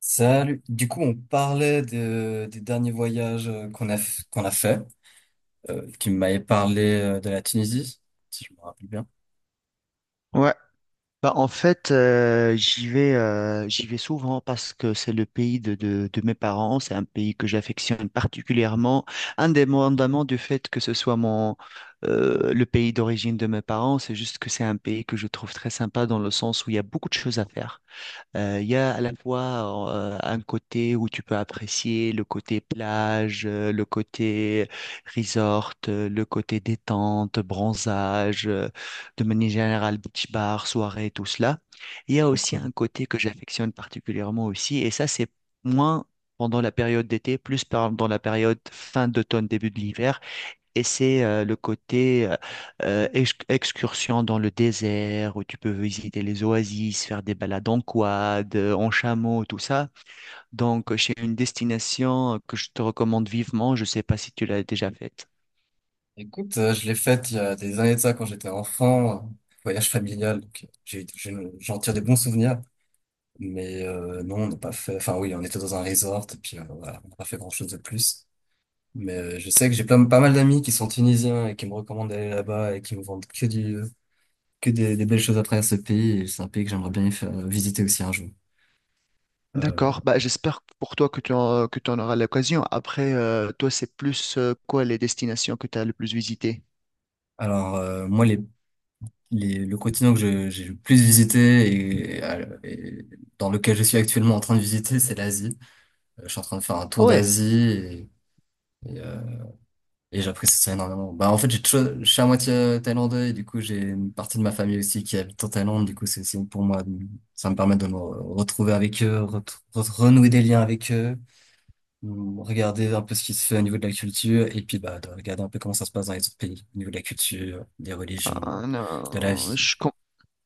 Salut. On parlait des derniers voyages qu'on a fait. Tu m'avais parlé de la Tunisie, si je me rappelle bien. Ouais, bah en fait j'y vais souvent parce que c'est le pays de mes parents, c'est un pays que j'affectionne particulièrement, indépendamment du fait que ce soit mon le pays d'origine de mes parents, c'est juste que c'est un pays que je trouve très sympa dans le sens où il y a beaucoup de choses à faire. Il y a à la fois un côté où tu peux apprécier le côté plage, le côté resort, le côté détente, bronzage, de manière générale beach bar, soirée, tout cela. Il y a Trop aussi cool. un côté que j'affectionne particulièrement aussi, et ça c'est moins pendant la période d'été, plus pendant la période fin d'automne, début de l'hiver, et c'est le côté excursion dans le désert où tu peux visiter les oasis, faire des balades en quad, en chameau, tout ça. Donc, c'est une destination que je te recommande vivement. Je ne sais pas si tu l'as déjà faite. Écoute, je l'ai faite il y a des années de ça quand j'étais enfant, voyage familial. Donc j'en tire des bons souvenirs. Mais non, on n'a pas fait. Enfin oui, on était dans un resort et puis voilà, on n'a pas fait grand-chose de plus. Mais je sais que pas mal d'amis qui sont tunisiens et qui me recommandent d'aller là-bas et qui me vendent que des belles choses à travers ce pays. C'est un pays que j'aimerais visiter aussi un jour. Euh, D'accord, bah, j'espère pour toi que que tu en auras l'occasion. Après, toi, c'est plus quoi les destinations que tu as le plus visitées? alors moi, le continent que j'ai le plus visité et dans lequel je suis actuellement en train de visiter, c'est l'Asie. Je suis en train de faire un Ah tour ouais, d'Asie et, et, euh, et j'apprécie ça énormément. En fait, je suis à moitié thaïlandais et du coup, j'ai une partie de ma famille aussi qui habite en Thaïlande. Du coup, c'est aussi pour moi, ça me permet de me retrouver avec eux, renouer des liens avec eux. Mm. Regarder un peu ce qui se fait au niveau de la culture et puis bah, de regarder un peu comment ça se passe dans les autres pays, au niveau de la culture, des religions, de la non, vie.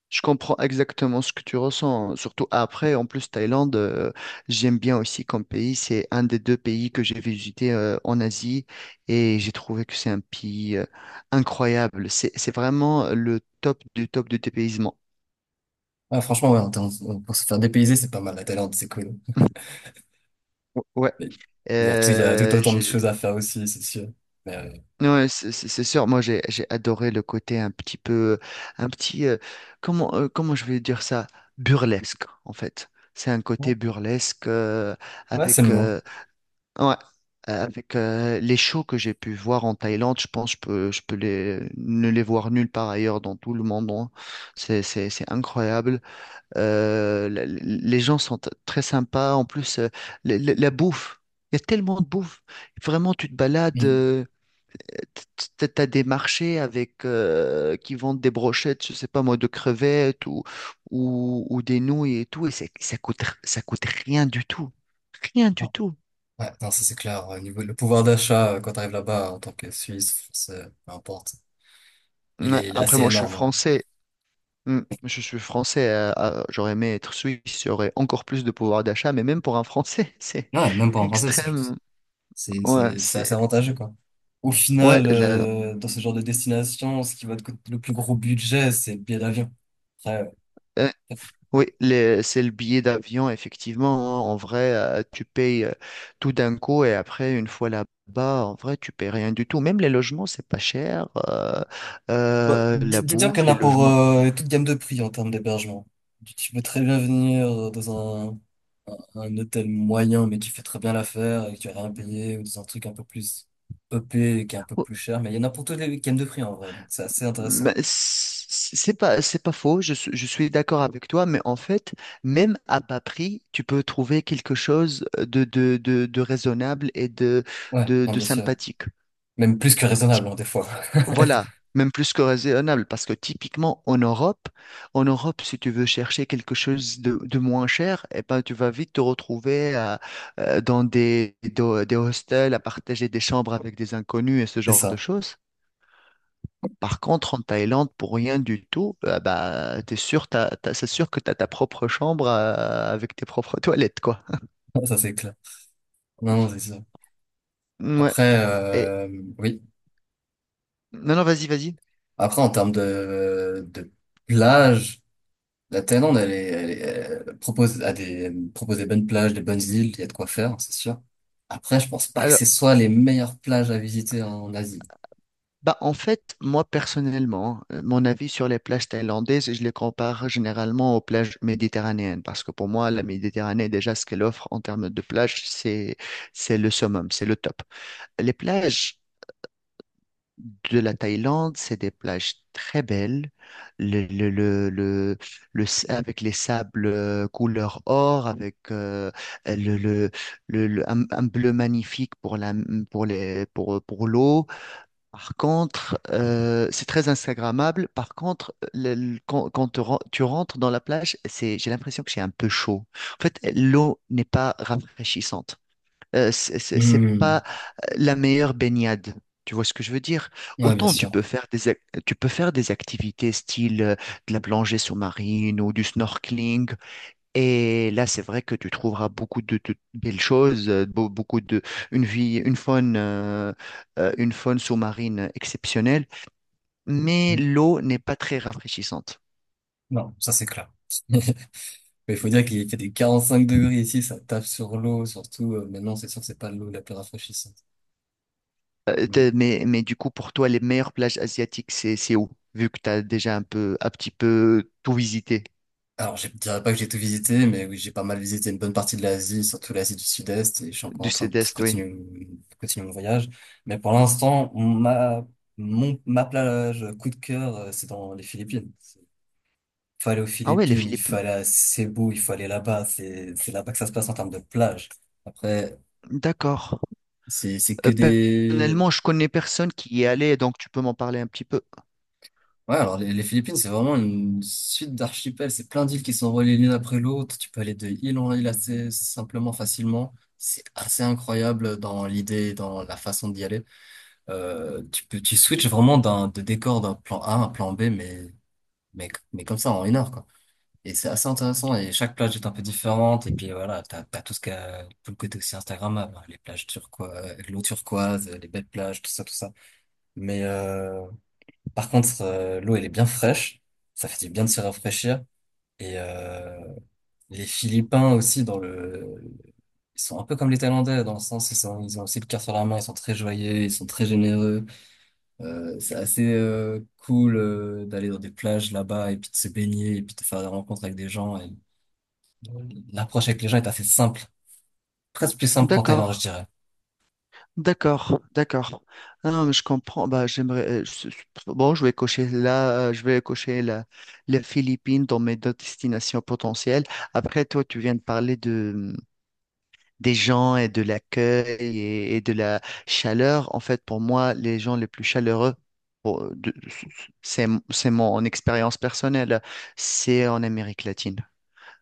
je comprends exactement ce que tu ressens, hein. Surtout après. En plus, Thaïlande, j'aime bien aussi comme pays. C'est un des deux pays que j'ai visité en Asie et j'ai trouvé que c'est un pays incroyable. C'est vraiment le top du dépaysement. Ah, franchement, ouais, pour se faire dépayser, c'est pas mal la Thaïlande, c'est cool. Ou- Ouais, Mais il y a tout euh, autant de j'ai- choses à faire aussi, c'est sûr. Mais, ouais, c'est sûr. Moi, j'ai adoré le côté un petit peu, un petit, comment je vais dire ça, burlesque en fait. C'est un ouais, côté burlesque ouais, c'est le avec. mot. Ouais. Avec les shows que j'ai pu voir en Thaïlande, je pense que je peux ne les voir nulle part ailleurs dans tout le monde, hein. C'est incroyable. Les gens sont très sympas. En plus, la bouffe, il y a tellement de bouffe. Vraiment, tu te balades, Mm. T'as des marchés avec, qui vendent des brochettes, je sais pas moi, de crevettes ou des nouilles et tout. Et ça coûte rien du tout. Rien du Ah, tout. ouais, non, ça c'est clair. Au niveau, le pouvoir d'achat, quand t'arrives là-bas en tant que Suisse, Français, peu importe, Ouais. Il est Après, assez moi, je suis énorme, ouais. français. Mm. Je suis français. J'aurais aimé être suisse. J'aurais encore plus de pouvoir d'achat. Mais même pour un Français, c'est Ouais, même pas en français, c'est juste. extrême. Ouais, C'est assez c'est. avantageux, quoi. Au Ouais, final, la- dans ce genre de destination, ce qui va te coûter le plus gros budget, c'est le billet d'avion. Après, euh, euh, oui, c'est le billet d'avion, effectivement, hein. En vrai, tu payes tout d'un coup et après, une fois là-bas, en vrai, tu payes rien du tout. Même les logements, c'est pas cher. Bon, La disons qu'il y bouffe, en les a pour logements. Toute gamme de prix en termes d'hébergement. Tu peux très bien venir dans un hôtel moyen, mais qui fait très bien l'affaire et que tu vas rien payer, ou dans un truc un peu plus EP et qui est un peu plus cher. Mais il y en a pour toutes les gammes de prix, en vrai. Donc, c'est assez Mais intéressant. c- C'est pas, je suis d'accord avec toi, mais en fait, même à bas prix, tu peux trouver quelque chose de raisonnable et Ouais, non, de bien sûr. sympathique. Même plus que Euh, typ- raisonnable, hein, des fois. Voilà, même plus que raisonnable, parce que typiquement en Europe, si tu veux chercher quelque chose de moins cher, eh ben, tu vas vite te retrouver dans des hostels, à partager des chambres avec des inconnus et ce C'est genre de ça. choses. Par contre, en Thaïlande, pour rien du tout, bah, t'es sûr, t'as- t'as- c'est sûr que tu as ta propre chambre avec tes propres toilettes, quoi. Ça, c'est clair. Non, non, c'est sûr. Ouais. Après, Et... oui. Non, non, vas-y, vas-y. Après, en termes de plage, la Thaïlande, elle propose propose des bonnes plages, des bonnes îles, il y a de quoi faire, c'est sûr. Après, je pense pas que Alors, ce soit les meilleures plages à visiter en Asie. bah, en fait, moi, personnellement, mon avis sur les plages thaïlandaises, je les compare généralement aux plages méditerranéennes, parce que pour moi, la Méditerranée, déjà, ce qu'elle offre en termes de plages, c'est le summum, c'est le top. Les plages de la Thaïlande, c'est des plages très belles, le, le, le, le, avec les sables couleur or, avec le, le, un bleu magnifique pour pour l'eau. Par contre, c'est très instagrammable. Par contre, quand tu rentres dans la plage, c'est, j'ai l'impression que c'est un peu chaud. En fait, l'eau n'est pas rafraîchissante c'est Hmm. pas la meilleure baignade. Tu vois ce que je veux dire? Ouais, bien Autant tu sûr. peux faire des, ac- Tu peux faire des activités style de la plongée sous-marine ou du snorkeling. Et là, c'est vrai que tu trouveras beaucoup de belles choses, beaucoup de, une vie, une faune sous-marine exceptionnelle. Mais Hmm. l'eau n'est pas très rafraîchissante. Non, ça c'est clair. Mais il faut dire qu'il fait des 45 degrés ici, ça tape sur l'eau, surtout, maintenant, c'est sûr que c'est pas l'eau la plus rafraîchissante. Hmm. Mais du coup, pour toi, les meilleures plages asiatiques, c'est où? Vu que tu as déjà un peu, un petit peu tout visité. Alors, je dirais pas que j'ai tout visité, mais oui, j'ai pas mal visité une bonne partie de l'Asie, surtout l'Asie du Sud-Est, et je suis encore Du en train de sud-est, oui. Continuer mon voyage. Mais pour l'instant, ma plage coup de cœur, c'est dans les Philippines. Il faut aller aux Ah ouais, les Philippines, il faut Philippines. aller à Cebu, il faut aller là-bas, c'est là-bas que ça se passe en termes de plage. Après, D'accord. c'est, c'est que des, Personnellement, je connais personne qui y est allé, donc tu peux m'en parler un petit peu. ouais, alors les Philippines, c'est vraiment une suite d'archipels. C'est plein d'îles qui sont reliées l'une après l'autre. Tu peux aller de île en île assez simplement, facilement. C'est assez incroyable dans l'idée, dans la façon d'y aller. Tu peux, tu switches vraiment de décor d'un plan A à un plan B, mais comme ça en une heure, quoi. Et c'est assez intéressant. Et chaque plage est un peu différente. Et puis voilà, t'as tout ce qu'il y a, tout le côté aussi Instagrammable, hein, les plages turquoises, l'eau turquoise, les belles plages, tout ça, tout ça. Mais, par contre, l'eau, elle est bien fraîche. Ça fait du bien de se rafraîchir. Et les Philippins aussi, dans le... ils sont un peu comme les Thaïlandais, dans le sens, ils ont aussi le cœur sur la main, ils sont très joyeux, ils sont très généreux. C'est assez cool d'aller dans des plages là-bas et puis de se baigner et puis de faire des rencontres avec des gens. Et... L'approche avec les gens est assez simple, presque plus simple qu'en Thaïlande, je D'accord. dirais. D'accord, d'accord. Ah non, mais je comprends. Bah, j'aimerais. Bon, je vais cocher là, je vais cocher la, les Philippines dans mes deux destinations potentielles. Après, toi, tu viens de parler de des gens et de l'accueil et de la chaleur. En fait, pour moi, les gens les plus chaleureux, pour- de- c'est mon expérience personnelle, c'est en Amérique latine.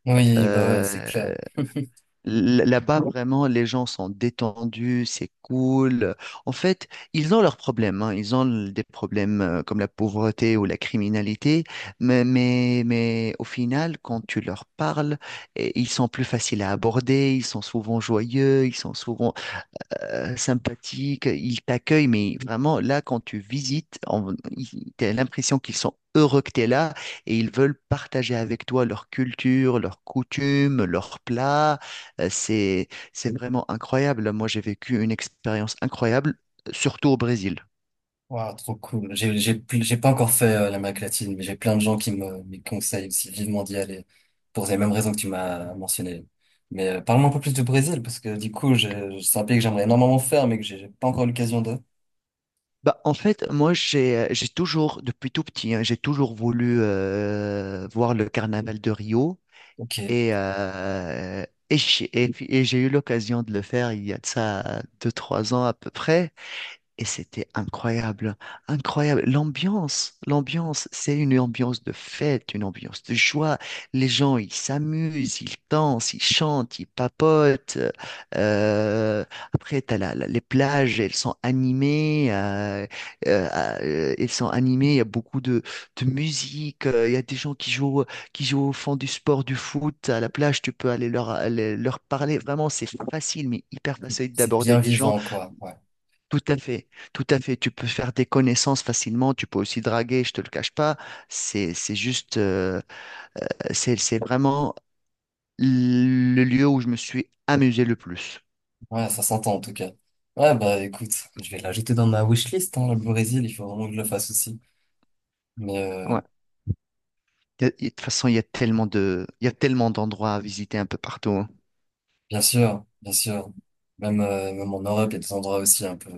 Oui, bah ouais, c'est clair. Euh, Là-bas, vraiment, les gens sont détendus, c'est cool. En fait, ils ont leurs problèmes, hein. Ils ont des problèmes comme la pauvreté ou la criminalité, mais au final, quand tu leur parles, eh, ils sont plus faciles à aborder, ils sont souvent joyeux, ils sont souvent sympathiques, ils t'accueillent, mais vraiment, là, quand tu visites, t'as l'impression qu'ils sont heureux que tu es là et ils veulent partager avec toi leur culture, leurs coutumes, leurs plats. C'est vraiment incroyable. Moi, j'ai vécu une expérience incroyable, surtout au Brésil. Waouh, trop cool. J'ai pas encore fait l'Amérique latine, mais j'ai plein de gens qui me conseillent aussi vivement d'y aller pour les mêmes raisons que tu m'as mentionné. Mais parle-moi un peu plus du Brésil parce que du coup, c'est un pays que j'aimerais énormément faire, mais que j'ai pas encore l'occasion de. Bah, en fait, moi, j'ai toujours, depuis tout petit, hein, j'ai toujours voulu voir le carnaval de Rio. Ok, Et, et j'ai eu l'occasion de le faire il y a de ça deux, trois ans à peu près. Et c'était incroyable, incroyable. L'ambiance, c'est une ambiance de fête, une ambiance de joie. Les gens, ils s'amusent, ils dansent, ils chantent, ils papotent. Euh, Après, les plages, elles sont animées. Euh, Elles sont animées, il y a beaucoup de musique. Il y a des gens qui jouent au fond du sport, du foot. À la plage, tu peux aller leur parler. Vraiment, c'est facile, mais hyper facile c'est d'aborder bien des gens. vivant, quoi. Ouais, Tout à fait, tout à fait. Tu peux faire des connaissances facilement, tu peux aussi draguer, je te le cache pas. C'est, c'est juste, euh, c'est vraiment le lieu où je me suis amusé le plus. ouais, ça s'entend en tout cas. Ouais, bah écoute, je vais l'ajouter dans ma wishlist, hein, le Brésil. Il faut vraiment que je le fasse aussi. Mais Ouais. De toute façon, il y a tellement de, il y a tellement d'endroits à visiter un peu partout, hein. bien sûr, bien sûr. Même, même en Europe, il y a des endroits aussi un peu,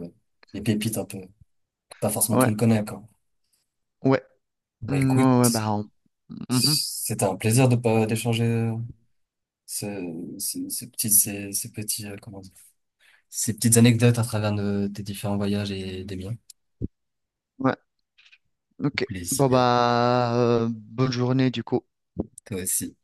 des pépites un peu, que pas forcément tout Ouais. le monde connaît, quoi. Mmh, ouais. Bah Non, ouais, écoute, bah, on- Mhm. c'était un plaisir de pas d'échanger ces petits, ces petits, comment dire, ces petites anecdotes à travers tes différents voyages et des miens. Ouais, ok. Bon, Plaisir, bah, bonne journée du coup. toi aussi.